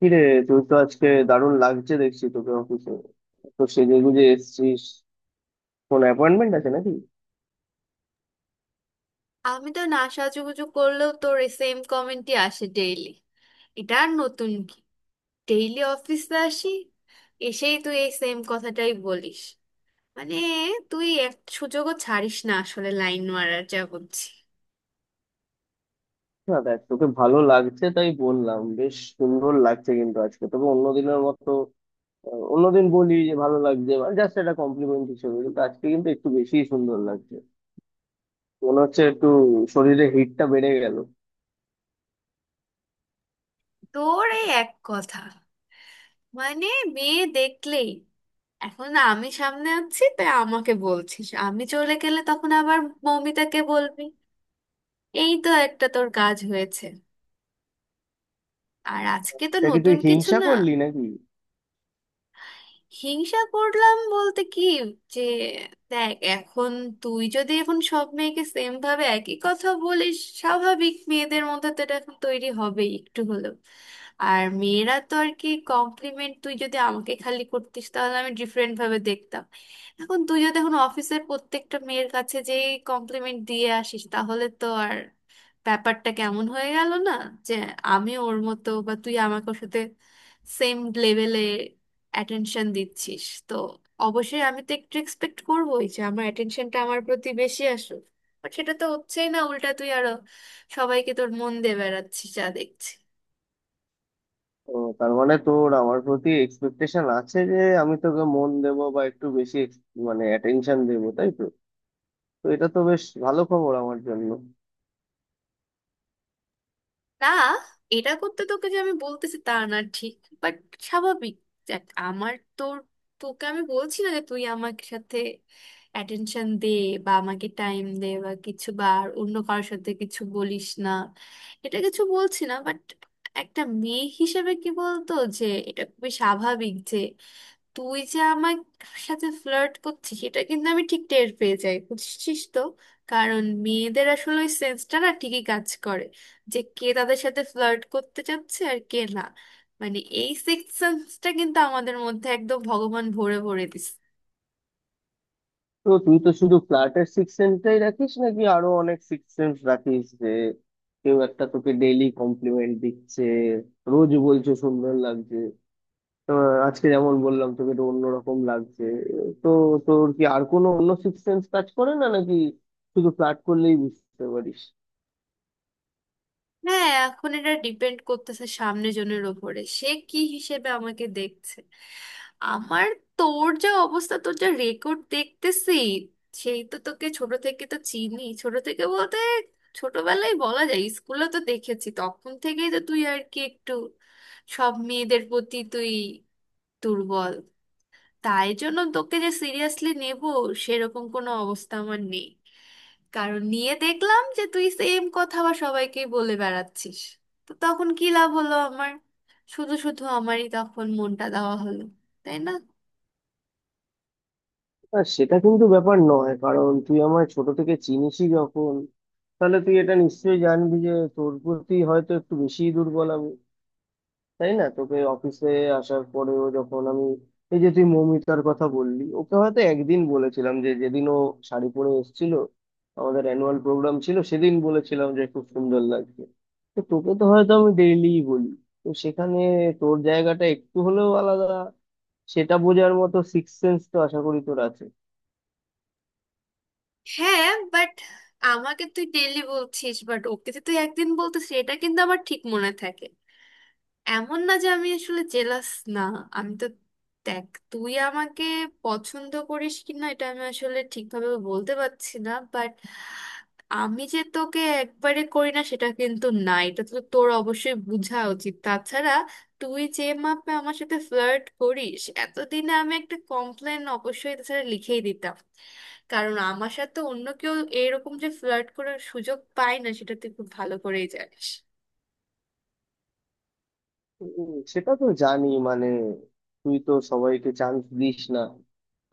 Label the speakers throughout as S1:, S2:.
S1: কিরে তুই তো আজকে দারুণ লাগছে দেখছি তোকে অফিসে তো সেজে গুজে এসেছিস। কোন অ্যাপয়েন্টমেন্ট আছে নাকি?
S2: আমি তো না সাজুগুজু করলেও তোর এই সেম কমেন্টই আসে ডেইলি। এটা আর নতুন কি? ডেইলি অফিসে আসি, এসেই তুই এই সেম কথাটাই বলিস। মানে তুই এক সুযোগও ছাড়িস না আসলে, লাইন মারার যা বুঝছি।
S1: না দেখ, তোকে ভালো লাগছে তাই বললাম, বেশ সুন্দর লাগছে, কিন্তু আজকে তোকে অন্যদিনের মতো অন্যদিন বলি যে ভালো লাগছে জাস্ট একটা কমপ্লিমেন্ট হিসেবে, কিন্তু আজকে কিন্তু একটু বেশি সুন্দর লাগছে। মনে হচ্ছে একটু শরীরে হিটটা বেড়ে গেল।
S2: তোর এই এক কথা, মানে মেয়ে দেখলেই। এখন আমি সামনে আছি তাই আমাকে বলছিস, আমি চলে গেলে তখন আবার মৌমিতাকে বলবি। এই তো একটা তোর কাজ হয়েছে, আর আজকে তো
S1: এটা কি তুই
S2: নতুন কিছু
S1: হিংসা
S2: না।
S1: করলি নাকি?
S2: হিংসা করলাম বলতে কি যে দেখ, এখন তুই যদি এখন সব মেয়েকে সেম ভাবে একই কথা বলিস, স্বাভাবিক মেয়েদের মধ্যে তো এটা এখন তৈরি হবেই একটু হলেও। আর মেয়েরা তো আর কি কমপ্লিমেন্ট, তুই যদি আমাকে খালি করতিস তাহলে আমি ডিফারেন্ট ভাবে দেখতাম। এখন তুই যদি এখন অফিসের প্রত্যেকটা মেয়ের কাছে কমপ্লিমেন্ট দিয়ে আসিস, তাহলে তো আর ব্যাপারটা কেমন হয়ে গেল না? যে আমি ওর মতো, বা তুই আমাকে ওর সাথে সেম লেভেলে অ্যাটেনশন দিচ্ছিস তো। অবশ্যই আমি তো একটু এক্সপেক্ট করবোই যে আমার অ্যাটেনশনটা আমার প্রতি বেশি আসুক, বাট সেটা তো হচ্ছেই না, উল্টা তুই আরো সবাইকে তোর মন দিয়ে বেড়াচ্ছিস যা দেখছি।
S1: ও, তার মানে তোর আমার প্রতি এক্সপেকটেশন আছে যে আমি তোকে মন দেবো বা একটু বেশি মানে অ্যাটেনশন দেবো, তাই তো? তো এটা তো বেশ ভালো খবর আমার জন্য।
S2: না, এটা করতে তোকে যে আমি বলতেছি তা না ঠিক, বাট স্বাভাবিক। দেখ আমার তোর, তোকে আমি বলছি না যে তুই আমার সাথে অ্যাটেনশন দে বা আমাকে টাইম দে বা কিছু, বা আর অন্য কারোর সাথে কিছু বলিস না, এটা কিছু বলছি না। বাট একটা মেয়ে হিসেবে কি বলতো, যে এটা খুবই স্বাভাবিক যে তুই যে আমার সাথে ফ্লার্ট করছিস, এটা কিন্তু আমি ঠিক টের পেয়ে যাই, বুঝছিস তো? কারণ মেয়েদের আসলে ওই সেন্সটা না ঠিকই কাজ করে, যে কে তাদের সাথে ফ্লার্ট করতে চাচ্ছে আর কে না। মানে এই সিক্স সেন্সটা কিন্তু আমাদের মধ্যে একদম ভগবান ভরে ভরে দিছে।
S1: তো তুই তো শুধু ফ্ল্যাটের সিক্স সেন্সটাই রাখিস নাকি আরো অনেক সিক্স সেন্স রাখিস যে কেউ একটা তোকে ডেইলি কমপ্লিমেন্ট দিচ্ছে, রোজ বলছে সুন্দর লাগছে? তো আজকে যেমন বললাম তোকে তো অন্যরকম লাগছে, তো তোর কি আর কোনো অন্য সিক্স সেন্স কাজ করে না নাকি? শুধু ফ্ল্যাট করলেই বুঝতে পারিস?
S2: হ্যাঁ, এখন এটা ডিপেন্ড করতেছে সামনে জনের ওপরে, সে কি হিসেবে আমাকে দেখছে। আমার তোর, যা অবস্থা তোর, যা রেকর্ড দেখতেছি, সেই তো তোকে ছোট থেকে তো চিনি। ছোট থেকে বলতে ছোটবেলায় বলা যায়, স্কুলে তো দেখেছি, তখন থেকেই তো তুই আর কি একটু সব মেয়েদের প্রতি তুই দুর্বল। তাই জন্য তোকে যে সিরিয়াসলি নেব, সেরকম কোনো অবস্থা আমার নেই। কারণ নিয়ে দেখলাম যে তুই সেম কথা বা সবাইকে বলে বেড়াচ্ছিস, তো তখন কি লাভ হলো আমার? শুধু শুধু আমারই তখন মনটা দেওয়া হলো, তাই না?
S1: না সেটা কিন্তু ব্যাপার নয়, কারণ তুই আমায় ছোট থেকে চিনিসই যখন, তাহলে তুই এটা নিশ্চয়ই জানবি যে তোর প্রতি হয়তো একটু বেশি দুর্বল, তাই না? তোকে অফিসে আসার পরেও যখন আমি এই যে তুই মৌমিতার কথা বললি, ওকে হয়তো একদিন বলেছিলাম, যে যেদিন ও শাড়ি পরে এসেছিল, আমাদের অ্যানুয়াল প্রোগ্রাম ছিল সেদিন বলেছিলাম যে খুব সুন্দর লাগছে। তো তোকে তো হয়তো আমি ডেইলি বলি, তো সেখানে তোর জায়গাটা একটু হলেও আলাদা, সেটা বোঝার মতো সিক্স সেন্স তো আশা করি তোর আছে।
S2: হ্যাঁ বাট আমাকে তুই ডেইলি বলছিস, বাট ওকে যে তুই একদিন বলতিস এটা কিন্তু আমার ঠিক মনে থাকে। এমন না যে আমি আসলে জেলাস, না। আমি তো দেখ, তুই আমাকে পছন্দ করিস কি না এটা আমি আসলে ঠিকভাবে বলতে পারছি না, বাট আমি যে তোকে একবারে করি না সেটা কিন্তু না, এটা তো তোর অবশ্যই বোঝা উচিত। তাছাড়া তুই যে মাপে আমার সাথে ফ্লার্ট করিস, এতদিনে আমি একটা কমপ্লেন অবশ্যই তাছাড়া লিখেই দিতাম। কারণ আমার সাথে অন্য কেউ এরকম যে ফ্লার্ট করার সুযোগ পায় না, সেটা তুই খুব ভালো করেই জানিস।
S1: সেটা তো জানি, মানে তুই তো সবাইকে চান্স দিস না,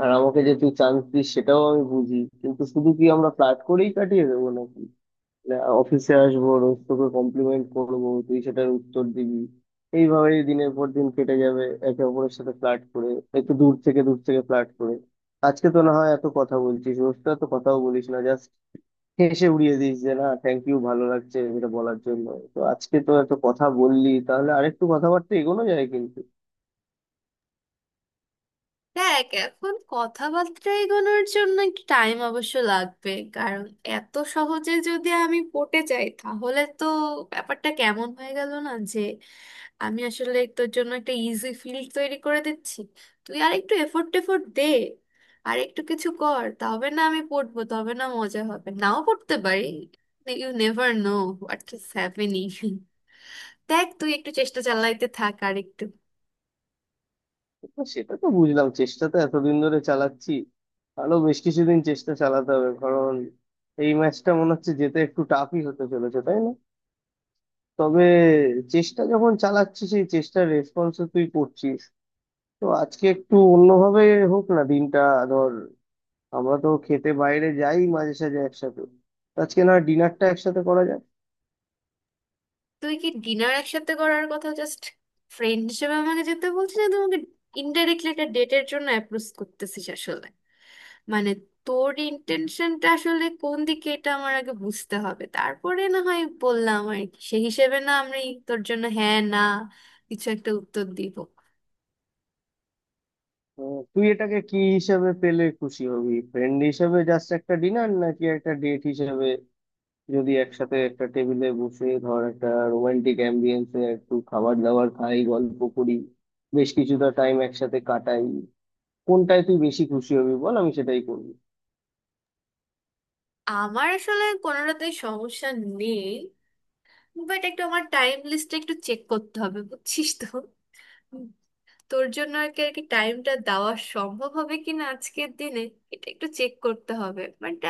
S1: আর আমাকে যে তুই চান্স দিস সেটাও আমি বুঝি। কিন্তু শুধু কি আমরা ফ্লার্ট করেই কাটিয়ে দেবো নাকি? মানে অফিসে আসবো, রোজ তোকে কমপ্লিমেন্ট করবো, তুই সেটার উত্তর দিবি, এইভাবেই দিনের পর দিন কেটে যাবে একে অপরের সাথে ফ্লার্ট করে, একটু দূর থেকে দূর থেকে ফ্লার্ট করে? আজকে তো না হয় এত কথা বলছিস, রোজটা তো কথাও বলিস না, জাস্ট হেসে উড়িয়ে দিস যে না, থ্যাংক ইউ, ভালো লাগছে এটা বলার জন্য। তো আজকে তো এত কথা বললি, তাহলে আরেকটু কথাবার্তা এগোনো যায় কিন্তু।
S2: দেখ এখন কথাবার্তা এগোনোর জন্য একটু টাইম অবশ্য লাগবে, কারণ এত সহজে যদি আমি পটে যাই তাহলে তো ব্যাপারটা কেমন হয়ে গেল না? আমি আসলে তোর জন্য একটা ইজি ফিল্ড তৈরি করে দিচ্ছি। তুই আর একটু এফোর্ট টেফোর্ট দে, আর একটু কিছু কর, তবে না আমি পড়বো, তবে না মজা হবে। নাও পড়তে পারি, you never know what is happening. দেখ তুই একটু চেষ্টা চালাইতে থাক আর একটু।
S1: তো সেটা তো বুঝলাম, চেষ্টা তো এতদিন ধরে চালাচ্ছি, আরো বেশ কিছুদিন চেষ্টা চালাতে হবে, কারণ এই ম্যাচটা মনে হচ্ছে যেতে একটু টাফই হতে চলেছে, তাই না? তবে চেষ্টা যখন চালাচ্ছি, সেই চেষ্টার রেসপন্স তুই করছিস, তো আজকে একটু অন্যভাবে হোক না দিনটা। ধর, আমরা তো খেতে বাইরে যাই মাঝে সাঝে একসাথে, তো আজকে না ডিনারটা একসাথে করা।
S2: তুই কি ডিনার একসাথে করার কথা জাস্ট ফ্রেন্ড হিসেবে আমাকে যেতে বলছিস, না তোমাকে ইনডাইরেক্টলি একটা ডেটের জন্য অ্যাপ্রোচ করতেছিস আসলে? মানে তোর ইন্টেনশনটা আসলে কোন দিকে, এটা আমার আগে বুঝতে হবে, তারপরে না হয় বললাম আর কি। সে হিসেবে না আমি তোর জন্য হ্যাঁ না কিছু একটা উত্তর দিব।
S1: তুই এটাকে কি হিসাবে পেলে খুশি হবি, ফ্রেন্ড হিসাবে জাস্ট একটা ডিনার নাকি একটা ডেট হিসাবে? যদি একসাথে একটা টেবিলে বসে, ধর, একটা রোমান্টিক অ্যাম্বিয়েন্সে একটু খাবার দাবার খাই, গল্প করি, বেশ কিছুটা টাইম একসাথে কাটাই, কোনটায় তুই বেশি খুশি হবি বল, আমি সেটাই করবি।
S2: আমার আসলে কোনোটাতেই সমস্যা নেই, বাট একটু আমার টাইম লিস্টটা একটু চেক করতে হবে, বুঝছিস তো? তোর জন্য আর কি আর কি টাইমটা দেওয়া সম্ভব হবে কিনা আজকের দিনে, এটা একটু চেক করতে হবে। বাট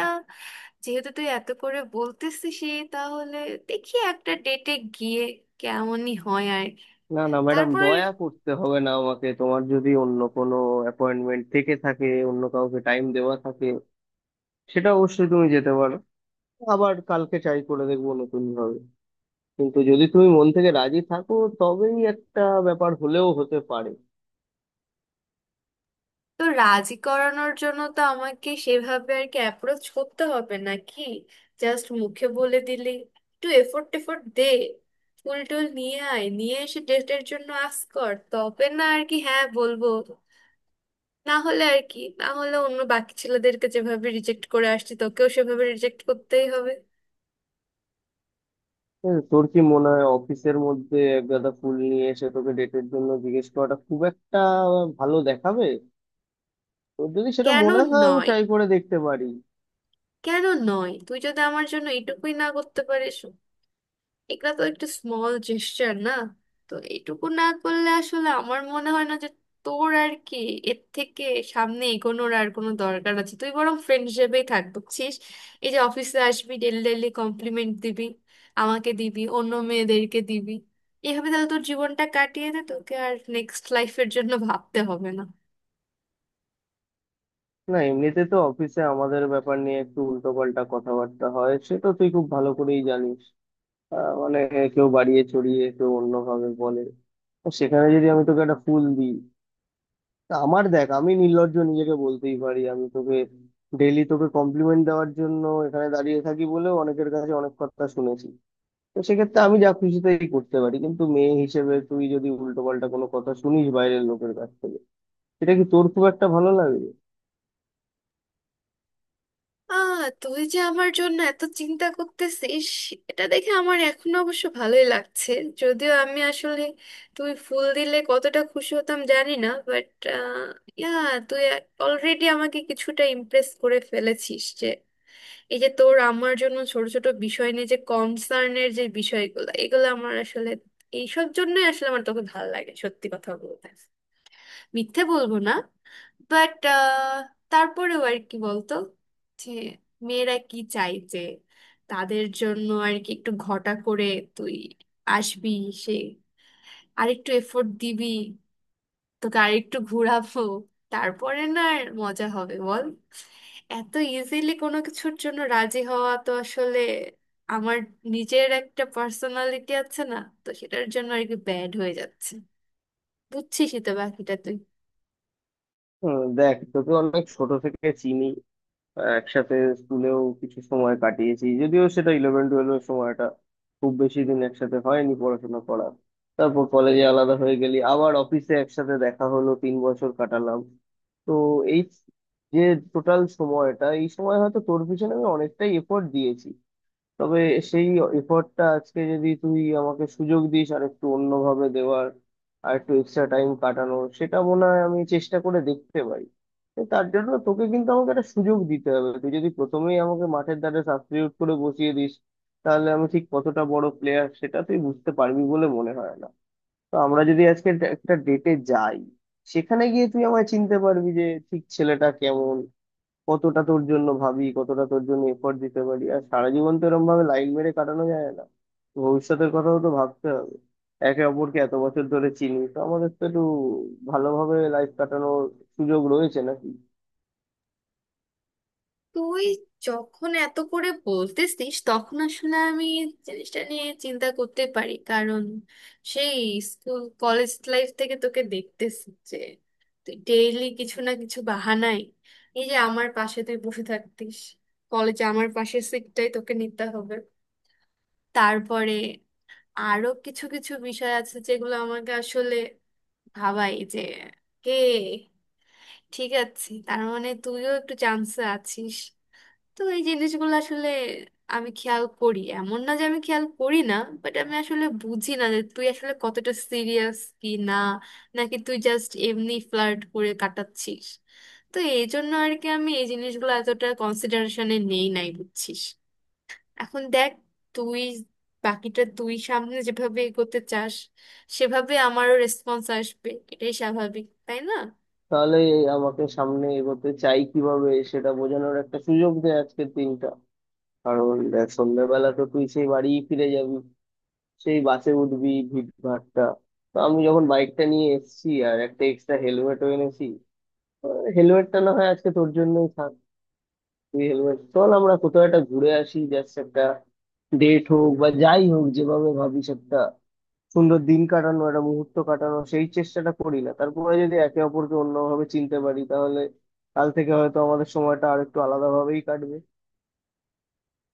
S2: যেহেতু তুই এত করে বলতেছিস, তাহলে দেখি একটা ডেটে গিয়ে কেমনই হয় আর কি।
S1: না না ম্যাডাম,
S2: তারপর
S1: দয়া করতে হবে না আমাকে। তোমার যদি অন্য কোনো অ্যাপয়েন্টমেন্ট থেকে থাকে, অন্য কাউকে টাইম দেওয়া থাকে, সেটা অবশ্যই তুমি যেতে পারো। আবার কালকে ট্রাই করে দেখবো নতুন ভাবে। কিন্তু যদি তুমি মন থেকে রাজি থাকো, তবেই একটা ব্যাপার হলেও হতে পারে।
S2: তো রাজি করানোর জন্য তো আমাকে সেভাবে আর কি অ্যাপ্রোচ করতে হবে নাকি? জাস্ট মুখে বলে দিলি? একটু এফোর্ট টেফোর্ট দে, ফুল টুল নিয়ে আয়, নিয়ে এসে ডেটের জন্য আস কর, তবে না আর কি হ্যাঁ বলবো। না হলে আর কি, না হলে অন্য বাকি ছেলেদেরকে যেভাবে রিজেক্ট করে আসছি, তোকেও সেভাবে রিজেক্ট করতেই হবে।
S1: হ্যাঁ, তোর কি মনে হয় অফিসের মধ্যে এক গাদা ফুল নিয়ে এসে তোকে ডেটের জন্য জিজ্ঞেস করাটা খুব একটা ভালো দেখাবে? তোর যদি সেটা
S2: কেন
S1: মনে হয়, আমি
S2: নয়
S1: ট্রাই করে দেখতে পারি।
S2: কেন নয়, তুই যদি আমার জন্য এটুকুই না করতে পারিস! এগুলা তো একটু স্মল জেস্টার না। তো এইটুকু না করলে আসলে আমার মনে হয় না যে তোর আর কি এর থেকে সামনে এগোনোর আর কোনো দরকার আছে। তুই বরং ফ্রেন্ড হিসেবেই থাক, বুঝছিস? এই যে অফিসে আসবি, ডেলি ডেলি কমপ্লিমেন্ট দিবি, আমাকে দিবি, অন্য মেয়েদেরকে দিবি, এভাবে তাহলে তোর জীবনটা কাটিয়ে দে, তোকে আর নেক্সট লাইফের জন্য ভাবতে হবে না।
S1: না এমনিতে তো অফিসে আমাদের ব্যাপার নিয়ে একটু উল্টোপাল্টা কথাবার্তা হয়, সে তো তুই খুব ভালো করেই জানিস। মানে কেউ বাড়িয়ে চড়িয়ে, কেউ অন্যভাবে বলে। তো সেখানে যদি আমি তোকে একটা ফুল দিই, তা আমার দেখ, আমি নির্লজ্জ নিজেকে বলতেই পারি, আমি তোকে ডেইলি তোকে কমপ্লিমেন্ট দেওয়ার জন্য এখানে দাঁড়িয়ে থাকি বলেও অনেকের কাছে অনেক কথা শুনেছি। তো সেক্ষেত্রে আমি যা খুশি তাই করতে পারি, কিন্তু মেয়ে হিসেবে তুই যদি উল্টো পাল্টা কোনো কথা শুনিস বাইরের লোকের কাছ থেকে, সেটা কি তোর খুব একটা ভালো লাগবে?
S2: আহ, তুই যে আমার জন্য এত চিন্তা করতেছিস, এটা দেখে আমার এখন অবশ্য ভালোই লাগছে। যদিও আমি আসলে, তুই ফুল দিলে কতটা খুশি হতাম জানি না, বাট ইয়া, তুই অলরেডি আমাকে কিছুটা ইমপ্রেস করে ফেলেছিস। যে এই যে তোর আমার জন্য ছোট ছোট বিষয় নিয়ে যে কনসার্নের যে বিষয়গুলো, এগুলো আমার আসলে, এইসব জন্যই আসলে আমার তোকে ভালো লাগে সত্যি কথা বলতে, মিথ্যে বলবো না। বাট তারপরেও আর কি বলতো, যে মেয়েরা কি চাই যে তাদের জন্য আর কি একটু ঘটা করে তুই আসবি, সে আরেকটু এফোর্ট দিবি, তোকে আরেকটু ঘোরাবো, তারপরে না আর মজা হবে, বল। এত ইজিলি কোনো কিছুর জন্য রাজি হওয়া তো আসলে, আমার নিজের একটা পার্সোনালিটি আছে না, তো সেটার জন্য আর কি ব্যাড হয়ে যাচ্ছে। বুঝছিসই তো বাকিটা তুই।
S1: দেখ তোকে অনেক ছোট থেকে চিনি, একসাথে স্কুলেও কিছু সময় কাটিয়েছি, যদিও সেটা ইলেভেন টুয়েলভের সময়টা, খুব বেশি দিন একসাথে হয়নি পড়াশোনা করা। তারপর কলেজে আলাদা হয়ে গেলি, আবার অফিসে একসাথে দেখা হলো, 3 বছর কাটালাম। তো এই যে টোটাল সময়টা, এই সময় হয়তো তোর পিছনে আমি অনেকটাই এফোর্ট দিয়েছি। তবে সেই এফোর্টটা আজকে যদি তুই আমাকে সুযোগ দিস আর একটু অন্যভাবে দেওয়ার, আর একটু এক্সট্রা টাইম কাটানোর, সেটা মনে হয় আমি চেষ্টা করে দেখতে পারি। তো তার জন্য তোকে কিন্তু আমাকে একটা সুযোগ দিতে হবে। তুই যদি প্রথমেই আমাকে মাঠের ধারে সাবস্টিটিউট করে বসিয়ে দিস, তাহলে আমি ঠিক কতটা বড় প্লেয়ার সেটা তুই বুঝতে পারবি বলে মনে হয় না। তো আমরা যদি আজকে একটা ডেটে যাই, সেখানে গিয়ে তুই আমায় চিনতে পারবি যে ঠিক ছেলেটা কেমন, কতটা তোর জন্য ভাবি, কতটা তোর জন্য এফোর্ট দিতে পারি। আর সারা জীবন তো এরকম ভাবে লাইন মেরে কাটানো যায় না, ভবিষ্যতের কথাও তো ভাবতে হবে। একে অপরকে এত বছর ধরে চিনি, তো আমাদের তো একটু ভালোভাবে লাইফ কাটানোর সুযোগ রয়েছে নাকি?
S2: তুই যখন এত করে বলতেছিস, তখন আসলে আমি জিনিসটা নিয়ে চিন্তা করতে পারি। কারণ সেই স্কুল কলেজ লাইফ থেকে তোকে দেখতেছি যে তুই ডেইলি কিছু না কিছু বাহানায়, এই যে আমার পাশে তুই বসে থাকতিস, কলেজে আমার পাশের সিটটাই তোকে নিতে হবে। তারপরে আরো কিছু কিছু বিষয় আছে যেগুলো আমাকে আসলে ভাবাই, যে কে ঠিক আছে, তার মানে তুইও একটু চান্সে আছিস। তো এই জিনিসগুলো আসলে আমি খেয়াল করি, এমন না যে আমি খেয়াল করি না। বাট আমি আসলে বুঝি না যে তুই আসলে কতটা সিরিয়াস কি না, নাকি তুই জাস্ট এমনি ফ্লার্ট করে কাটাচ্ছিস। তো এই জন্য আর কি আমি এই জিনিসগুলো এতটা কনসিডারেশনে নেই নাই, বুঝছিস। এখন দেখ, তুই বাকিটা তুই সামনে যেভাবে এগোতে চাস, সেভাবে আমারও রেসপন্স আসবে, এটাই স্বাভাবিক, তাই না?
S1: তাহলে এই আমাকে সামনে এগোতে চাই কিভাবে সেটা বোঝানোর একটা সুযোগ দেয় আজকের দিনটা। কারণ দেখ, সন্ধ্যাবেলা তো তুই সেই বাড়ি ফিরে যাবি, সেই বাসে উঠবি, ভিড় ভাট্টা। তো আমি যখন বাইকটা নিয়ে এসেছি আর একটা এক্সট্রা হেলমেটও এনেছি, হেলমেটটা না হয় আজকে তোর জন্যই থাক। তুই হেলমেট চল, আমরা কোথাও একটা ঘুরে আসি, জাস্ট একটা ডেট হোক বা যাই হোক, যেভাবে ভাবিস, একটা সুন্দর দিন কাটানো, একটা মুহূর্ত কাটানো, সেই চেষ্টাটা করি না? তারপরে যদি একে অপরকে অন্যভাবে চিনতে পারি, তাহলে কাল থেকে হয়তো আমাদের সময়টা আর একটু আলাদাভাবেই কাটবে।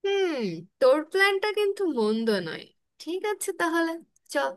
S2: হুম, তোর প্ল্যানটা কিন্তু মন্দ নয়। ঠিক আছে, তাহলে চল।